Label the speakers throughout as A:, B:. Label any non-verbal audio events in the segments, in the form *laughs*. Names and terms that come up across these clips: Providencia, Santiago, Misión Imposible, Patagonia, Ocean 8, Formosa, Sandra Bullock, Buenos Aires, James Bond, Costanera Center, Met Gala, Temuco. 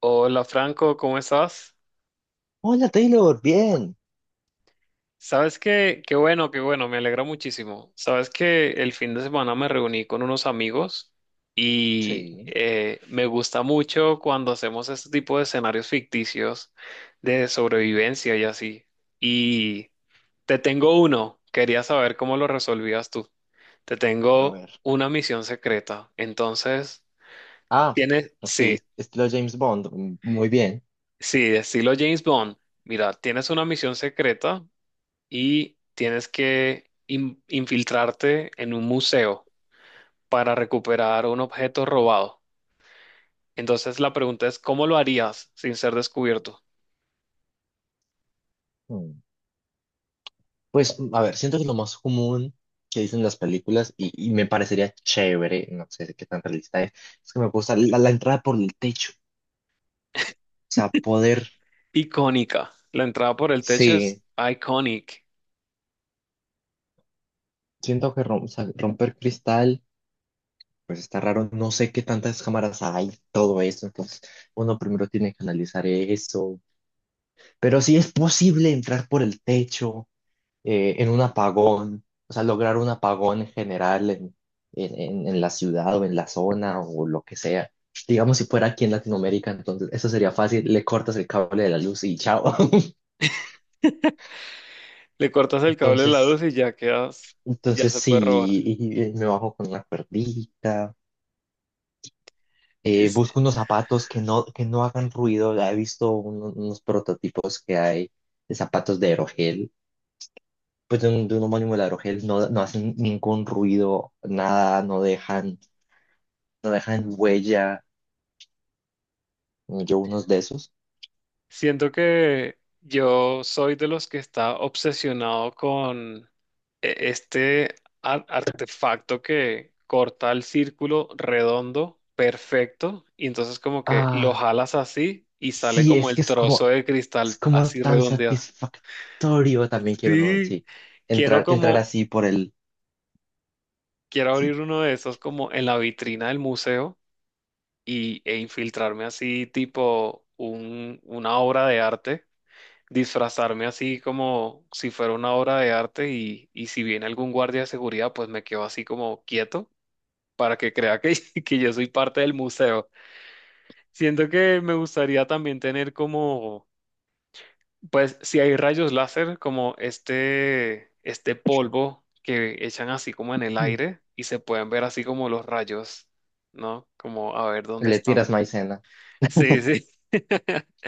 A: Hola Franco, ¿cómo estás?
B: Hola Taylor, bien.
A: Sabes que, qué bueno, me alegra muchísimo. Sabes que el fin de semana me reuní con unos amigos y
B: Sí.
A: me gusta mucho cuando hacemos este tipo de escenarios ficticios de sobrevivencia y así. Y te tengo uno, quería saber cómo lo resolvías tú. Te
B: A
A: tengo
B: ver.
A: una misión secreta, entonces
B: Ah,
A: tienes,
B: ok,
A: sí,
B: estilo James Bond, mm, muy bien.
A: sí, estilo James Bond. Mira, tienes una misión secreta y tienes que infiltrarte en un museo para recuperar un objeto robado. Entonces la pregunta es, ¿cómo lo harías sin ser descubierto?
B: Mm. Pues, a ver, siento que lo más común que dicen las películas, y me parecería chévere, no sé qué tan realista es que me gusta la entrada por el techo. O sea, poder,
A: Icónica. La entrada por el techo es
B: sí,
A: iconic.
B: siento que o sea, romper cristal, pues está raro, no sé qué tantas cámaras hay, todo eso, entonces uno primero tiene que analizar eso. Pero sí es posible entrar por el techo. En un apagón, o sea, lograr un apagón en general en la ciudad o en la zona o lo que sea. Digamos, si fuera aquí en Latinoamérica, entonces eso sería fácil, le cortas el cable de la luz y chao. *laughs*
A: Le cortas el cable de la luz
B: Entonces,
A: y ya quedas, ya
B: entonces
A: se puede robar.
B: sí, y me bajo con una cuerdita, busco unos zapatos que no hagan ruido, ya he visto unos prototipos que hay de zapatos de aerogel, pues de de un homónimo de aerogel, no, no hacen ningún ruido, nada, no dejan huella, yo unos de esos.
A: Siento que yo soy de los que está obsesionado con este artefacto que corta el círculo redondo, perfecto, y entonces como que lo
B: Ah,
A: jalas así y sale
B: sí,
A: como
B: es
A: el
B: que
A: trozo de
B: es
A: cristal
B: como
A: así
B: tan
A: redondeado.
B: satisfactorio. También quiero uno,
A: Sí,
B: sí.
A: quiero
B: Entrar, entrar
A: como,
B: así por el,
A: quiero
B: sí.
A: abrir uno de esos como en la vitrina del museo y, e infiltrarme así tipo un, una obra de arte, disfrazarme así como si fuera una obra de arte, y si viene algún guardia de seguridad, pues me quedo así como quieto para que crea que, *laughs* que yo soy parte del museo. Siento que me gustaría también tener como, pues si hay rayos láser, como este polvo que echan así como en el
B: No.
A: aire y se pueden ver así como los rayos, ¿no? Como a ver dónde
B: Le
A: están.
B: tiras maicena.
A: Sí, sí. *laughs*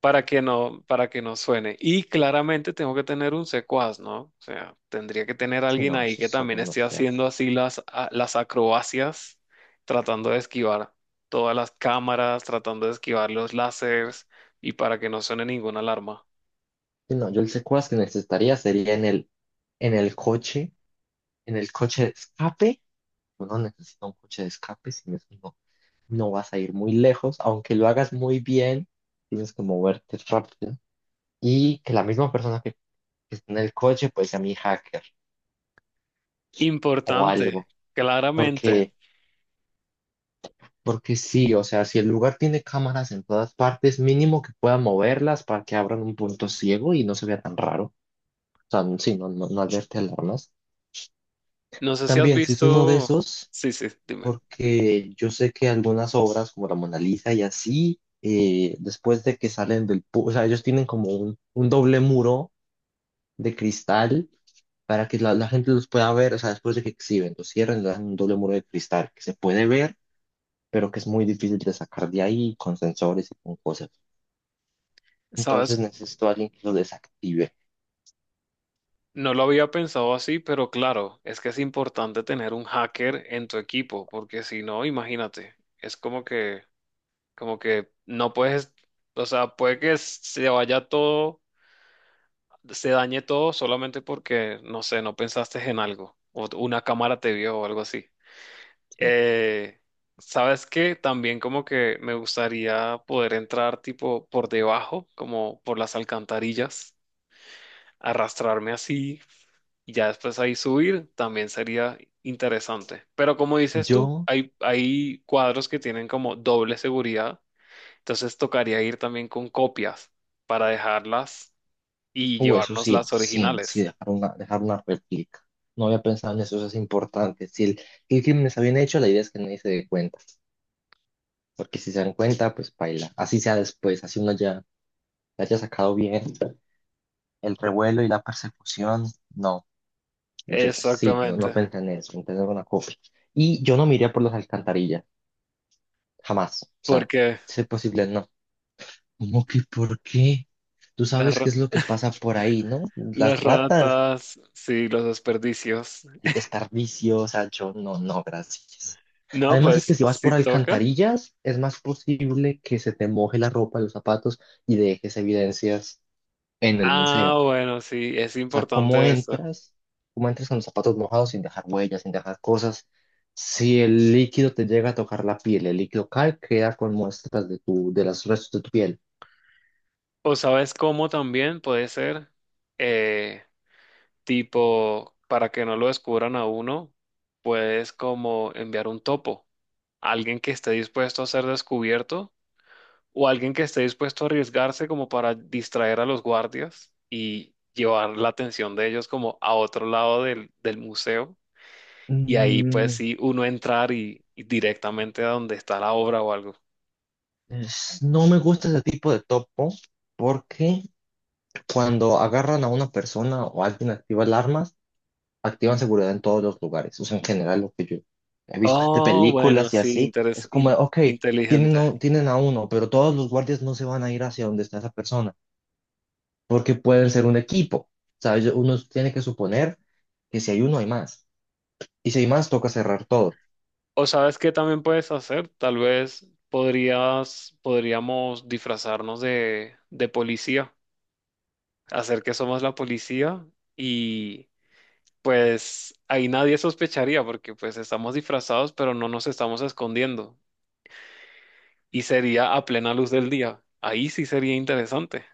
A: Para que no, para que no suene. Y claramente tengo que tener un secuaz, ¿no? O sea, tendría que tener
B: Sí,
A: alguien
B: no,
A: ahí
B: eso
A: que
B: solo
A: también
B: no
A: esté
B: se hace.
A: haciendo así las, las acrobacias, tratando de esquivar todas las cámaras, tratando de esquivar los láseres y para que no suene ninguna alarma.
B: Sí, no, yo el secuaz que necesitaría sería en el coche, en el coche de escape. Uno necesita un coche de escape, sin eso no, no vas a ir muy lejos, aunque lo hagas muy bien, tienes que moverte rápido. Y que la misma persona que está en el coche, pues a mi hacker o
A: Importante,
B: algo.
A: claramente.
B: Porque, porque sí, o sea, si el lugar tiene cámaras en todas partes, mínimo que pueda moverlas para que abran un punto ciego y no se vea tan raro. O sea, sí, no, no, no alerte alarmas.
A: No sé si has
B: También, si es uno de
A: visto.
B: esos,
A: Sí, sí, dime.
B: porque yo sé que algunas obras como la Mona Lisa y así, después de que salen O sea, ellos tienen como un doble muro de cristal para que la gente los pueda ver, o sea, después de que exhiben, los cierren, le dan un doble muro de cristal que se puede ver pero que es muy difícil de sacar de ahí con sensores y con cosas. Entonces
A: ¿Sabes?
B: necesito a alguien que lo desactive.
A: No lo había pensado así, pero claro, es que es importante tener un hacker en tu equipo, porque si no, imagínate, es como que no puedes, o sea, puede que se vaya todo, se dañe todo solamente porque, no sé, no pensaste en algo, o una cámara te vio o algo así.
B: Sí.
A: Eh, ¿Sabes qué? También como que me gustaría poder entrar tipo por debajo, como por las alcantarillas, arrastrarme así y ya después ahí subir también sería interesante. Pero como dices tú,
B: Yo,
A: hay cuadros que tienen como doble seguridad, entonces tocaría ir también con copias para dejarlas y
B: o eso
A: llevarnos
B: sí,
A: las
B: sí, sí,
A: originales.
B: dejar una réplica. No había pensado en eso, eso es importante. Si el, El crimen está bien hecho, la idea es que nadie se dé cuenta. Porque si se dan cuenta, pues baila. Así sea después, así uno ya la haya sacado bien. El revuelo y la persecución, no. Yo sí, no, no
A: Exactamente,
B: pensé en eso, en tener una copia. Y yo no miraría por las alcantarillas, jamás. O sea,
A: porque
B: si es posible, no. ¿Cómo que por qué? Tú
A: las,
B: sabes qué es lo que pasa por ahí, ¿no?
A: las
B: Las ratas,
A: ratas, sí, los desperdicios.
B: el desperdicio, o sea, yo no, no, gracias.
A: No,
B: Además es que
A: pues
B: si vas
A: si
B: por
A: toca.
B: alcantarillas, es más posible que se te moje la ropa, los zapatos y dejes evidencias en el
A: Ah,
B: museo.
A: bueno, sí, es
B: O sea, ¿cómo
A: importante eso.
B: entras? ¿Cómo entras con los zapatos mojados sin dejar huellas, sin dejar cosas? Si el líquido te llega a tocar la piel, el líquido cae, queda con muestras de tu, de los restos de tu piel.
A: O sabes cómo también puede ser. eh, Tipo, para que no lo descubran a uno, puedes como enviar un topo, alguien que esté dispuesto a ser descubierto o alguien que esté dispuesto a arriesgarse como para distraer a los guardias y llevar la atención de ellos como a otro lado del, del museo. Y ahí pues
B: Mm,
A: sí, uno entrar y directamente a donde está la obra o algo.
B: Es- no me gusta ese tipo de topo porque cuando agarran a una persona o alguien activa alarmas, activan seguridad en todos los lugares. O sea, en general lo que yo he visto de
A: Oh, bueno,
B: películas y
A: sí,
B: así, es como, ok,
A: inteligente.
B: tienen a uno, pero todos los guardias no se van a ir hacia donde está esa persona porque pueden ser un equipo. ¿Sabes? Uno tiene que suponer que si hay uno, hay más. Y si hay más, toca cerrar todo.
A: O sabes qué también puedes hacer, tal vez podrías, podríamos disfrazarnos de policía, hacer que somos la policía y pues ahí nadie sospecharía porque pues estamos disfrazados pero no nos estamos escondiendo y sería a plena luz del día. Ahí sí sería interesante.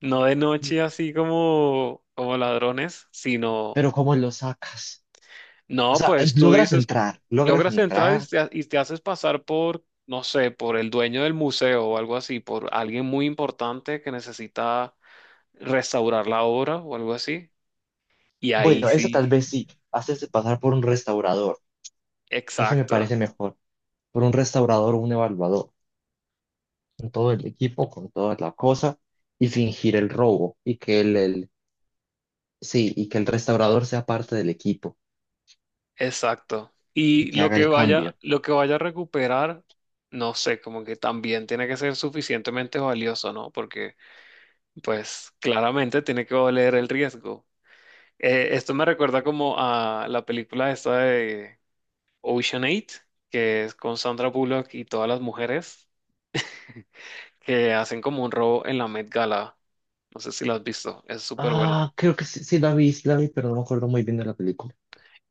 A: No de noche así como, como ladrones, sino
B: Pero ¿cómo lo sacas? O
A: no,
B: sea,
A: pues tú dices,
B: logras
A: logras entrar
B: entrar.
A: y te haces pasar por, no sé, por el dueño del museo o algo así, por alguien muy importante que necesita restaurar la obra o algo así. Y ahí
B: Bueno, eso
A: sí,
B: tal vez sí, hacerse pasar por un restaurador. Ese me
A: exacto,
B: parece mejor. Por un restaurador o un evaluador. Con todo el equipo, con toda la cosa, y fingir el robo. Y sí, y que el restaurador sea parte del equipo
A: exacto.
B: y
A: Y
B: que haga el cambio.
A: lo que vaya a recuperar, no sé, como que también tiene que ser suficientemente valioso, ¿no? Porque, pues, claramente tiene que valer el riesgo. Esto me recuerda como a la película esta de Ocean 8, que es con Sandra Bullock y todas las mujeres que hacen como un robo en la Met Gala. No sé si lo has visto, es súper buena.
B: Ah, creo que sí, sí la vi, pero no me acuerdo muy bien de la película.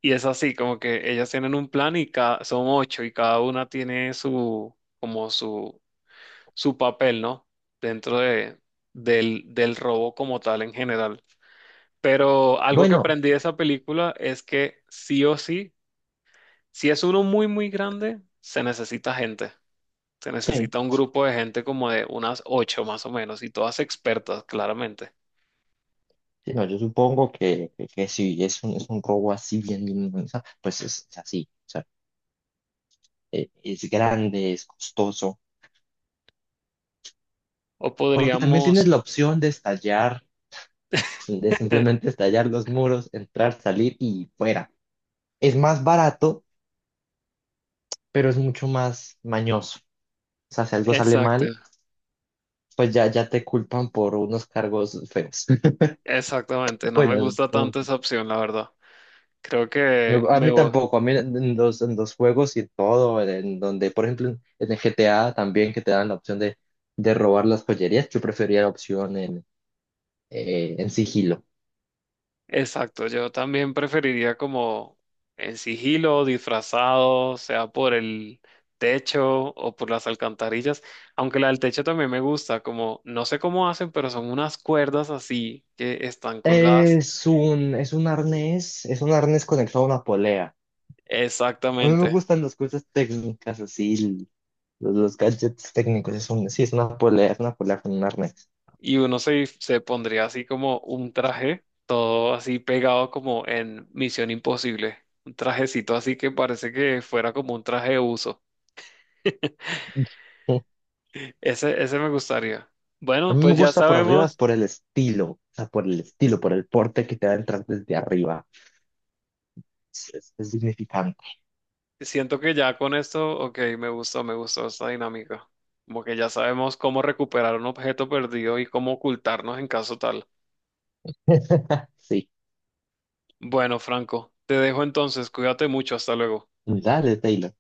A: Y es así, como que ellas tienen un plan y cada, son ocho y cada una tiene su, como su papel, ¿no? Dentro de, del, del robo como tal en general. Pero algo que
B: Bueno,
A: aprendí de esa película es que sí o sí, si es uno muy, muy grande, se necesita gente. Se
B: sí.
A: necesita un grupo de gente como de unas ocho más o menos y todas expertas, claramente.
B: Sí, no, yo supongo que si es un, es un robo así bien, bien, bien, o sea, pues es así. O sea, es grande, es costoso.
A: O
B: Porque también
A: podríamos...
B: tienes la opción de estallar, de
A: *laughs*
B: simplemente estallar los muros, entrar, salir y fuera. Es más barato, pero es mucho más mañoso. O sea, si algo sale
A: Exacto,
B: mal, pues ya, ya te culpan por unos cargos feos. *laughs*
A: exactamente. No me
B: Bueno,
A: gusta
B: como
A: tanto
B: que-
A: esa opción, la verdad. Creo que
B: a
A: me
B: mí
A: voy.
B: tampoco, a mí en los juegos y todo, en donde, por ejemplo, en el GTA también que te dan la opción de robar las joyerías, yo prefería la opción en sigilo.
A: Exacto, yo también preferiría como en sigilo, disfrazado, sea por el techo o por las alcantarillas, aunque la del techo también me gusta, como no sé cómo hacen, pero son unas cuerdas así que están colgadas.
B: Es un arnés conectado a una polea. A mí me
A: Exactamente.
B: gustan las cosas técnicas, así, l- los gadgets técnicos. Es un, sí, es una polea con un arnés.
A: Y uno se, se pondría así como un traje, todo así pegado como en Misión Imposible, un trajecito así que parece que fuera como un traje de uso. *laughs*
B: *laughs*
A: Ese me gustaría.
B: A
A: Bueno,
B: mí me
A: pues ya
B: gusta por arriba, es
A: sabemos,
B: por el estilo, o sea, por el estilo, por el porte que te va a entrar desde arriba. Es significante.
A: siento que ya con esto, ok, me gustó esta dinámica. Como que ya sabemos cómo recuperar un objeto perdido y cómo ocultarnos en caso tal.
B: *laughs* Sí,
A: Bueno, Franco, te dejo entonces, cuídate mucho, hasta luego.
B: dale, Taylor.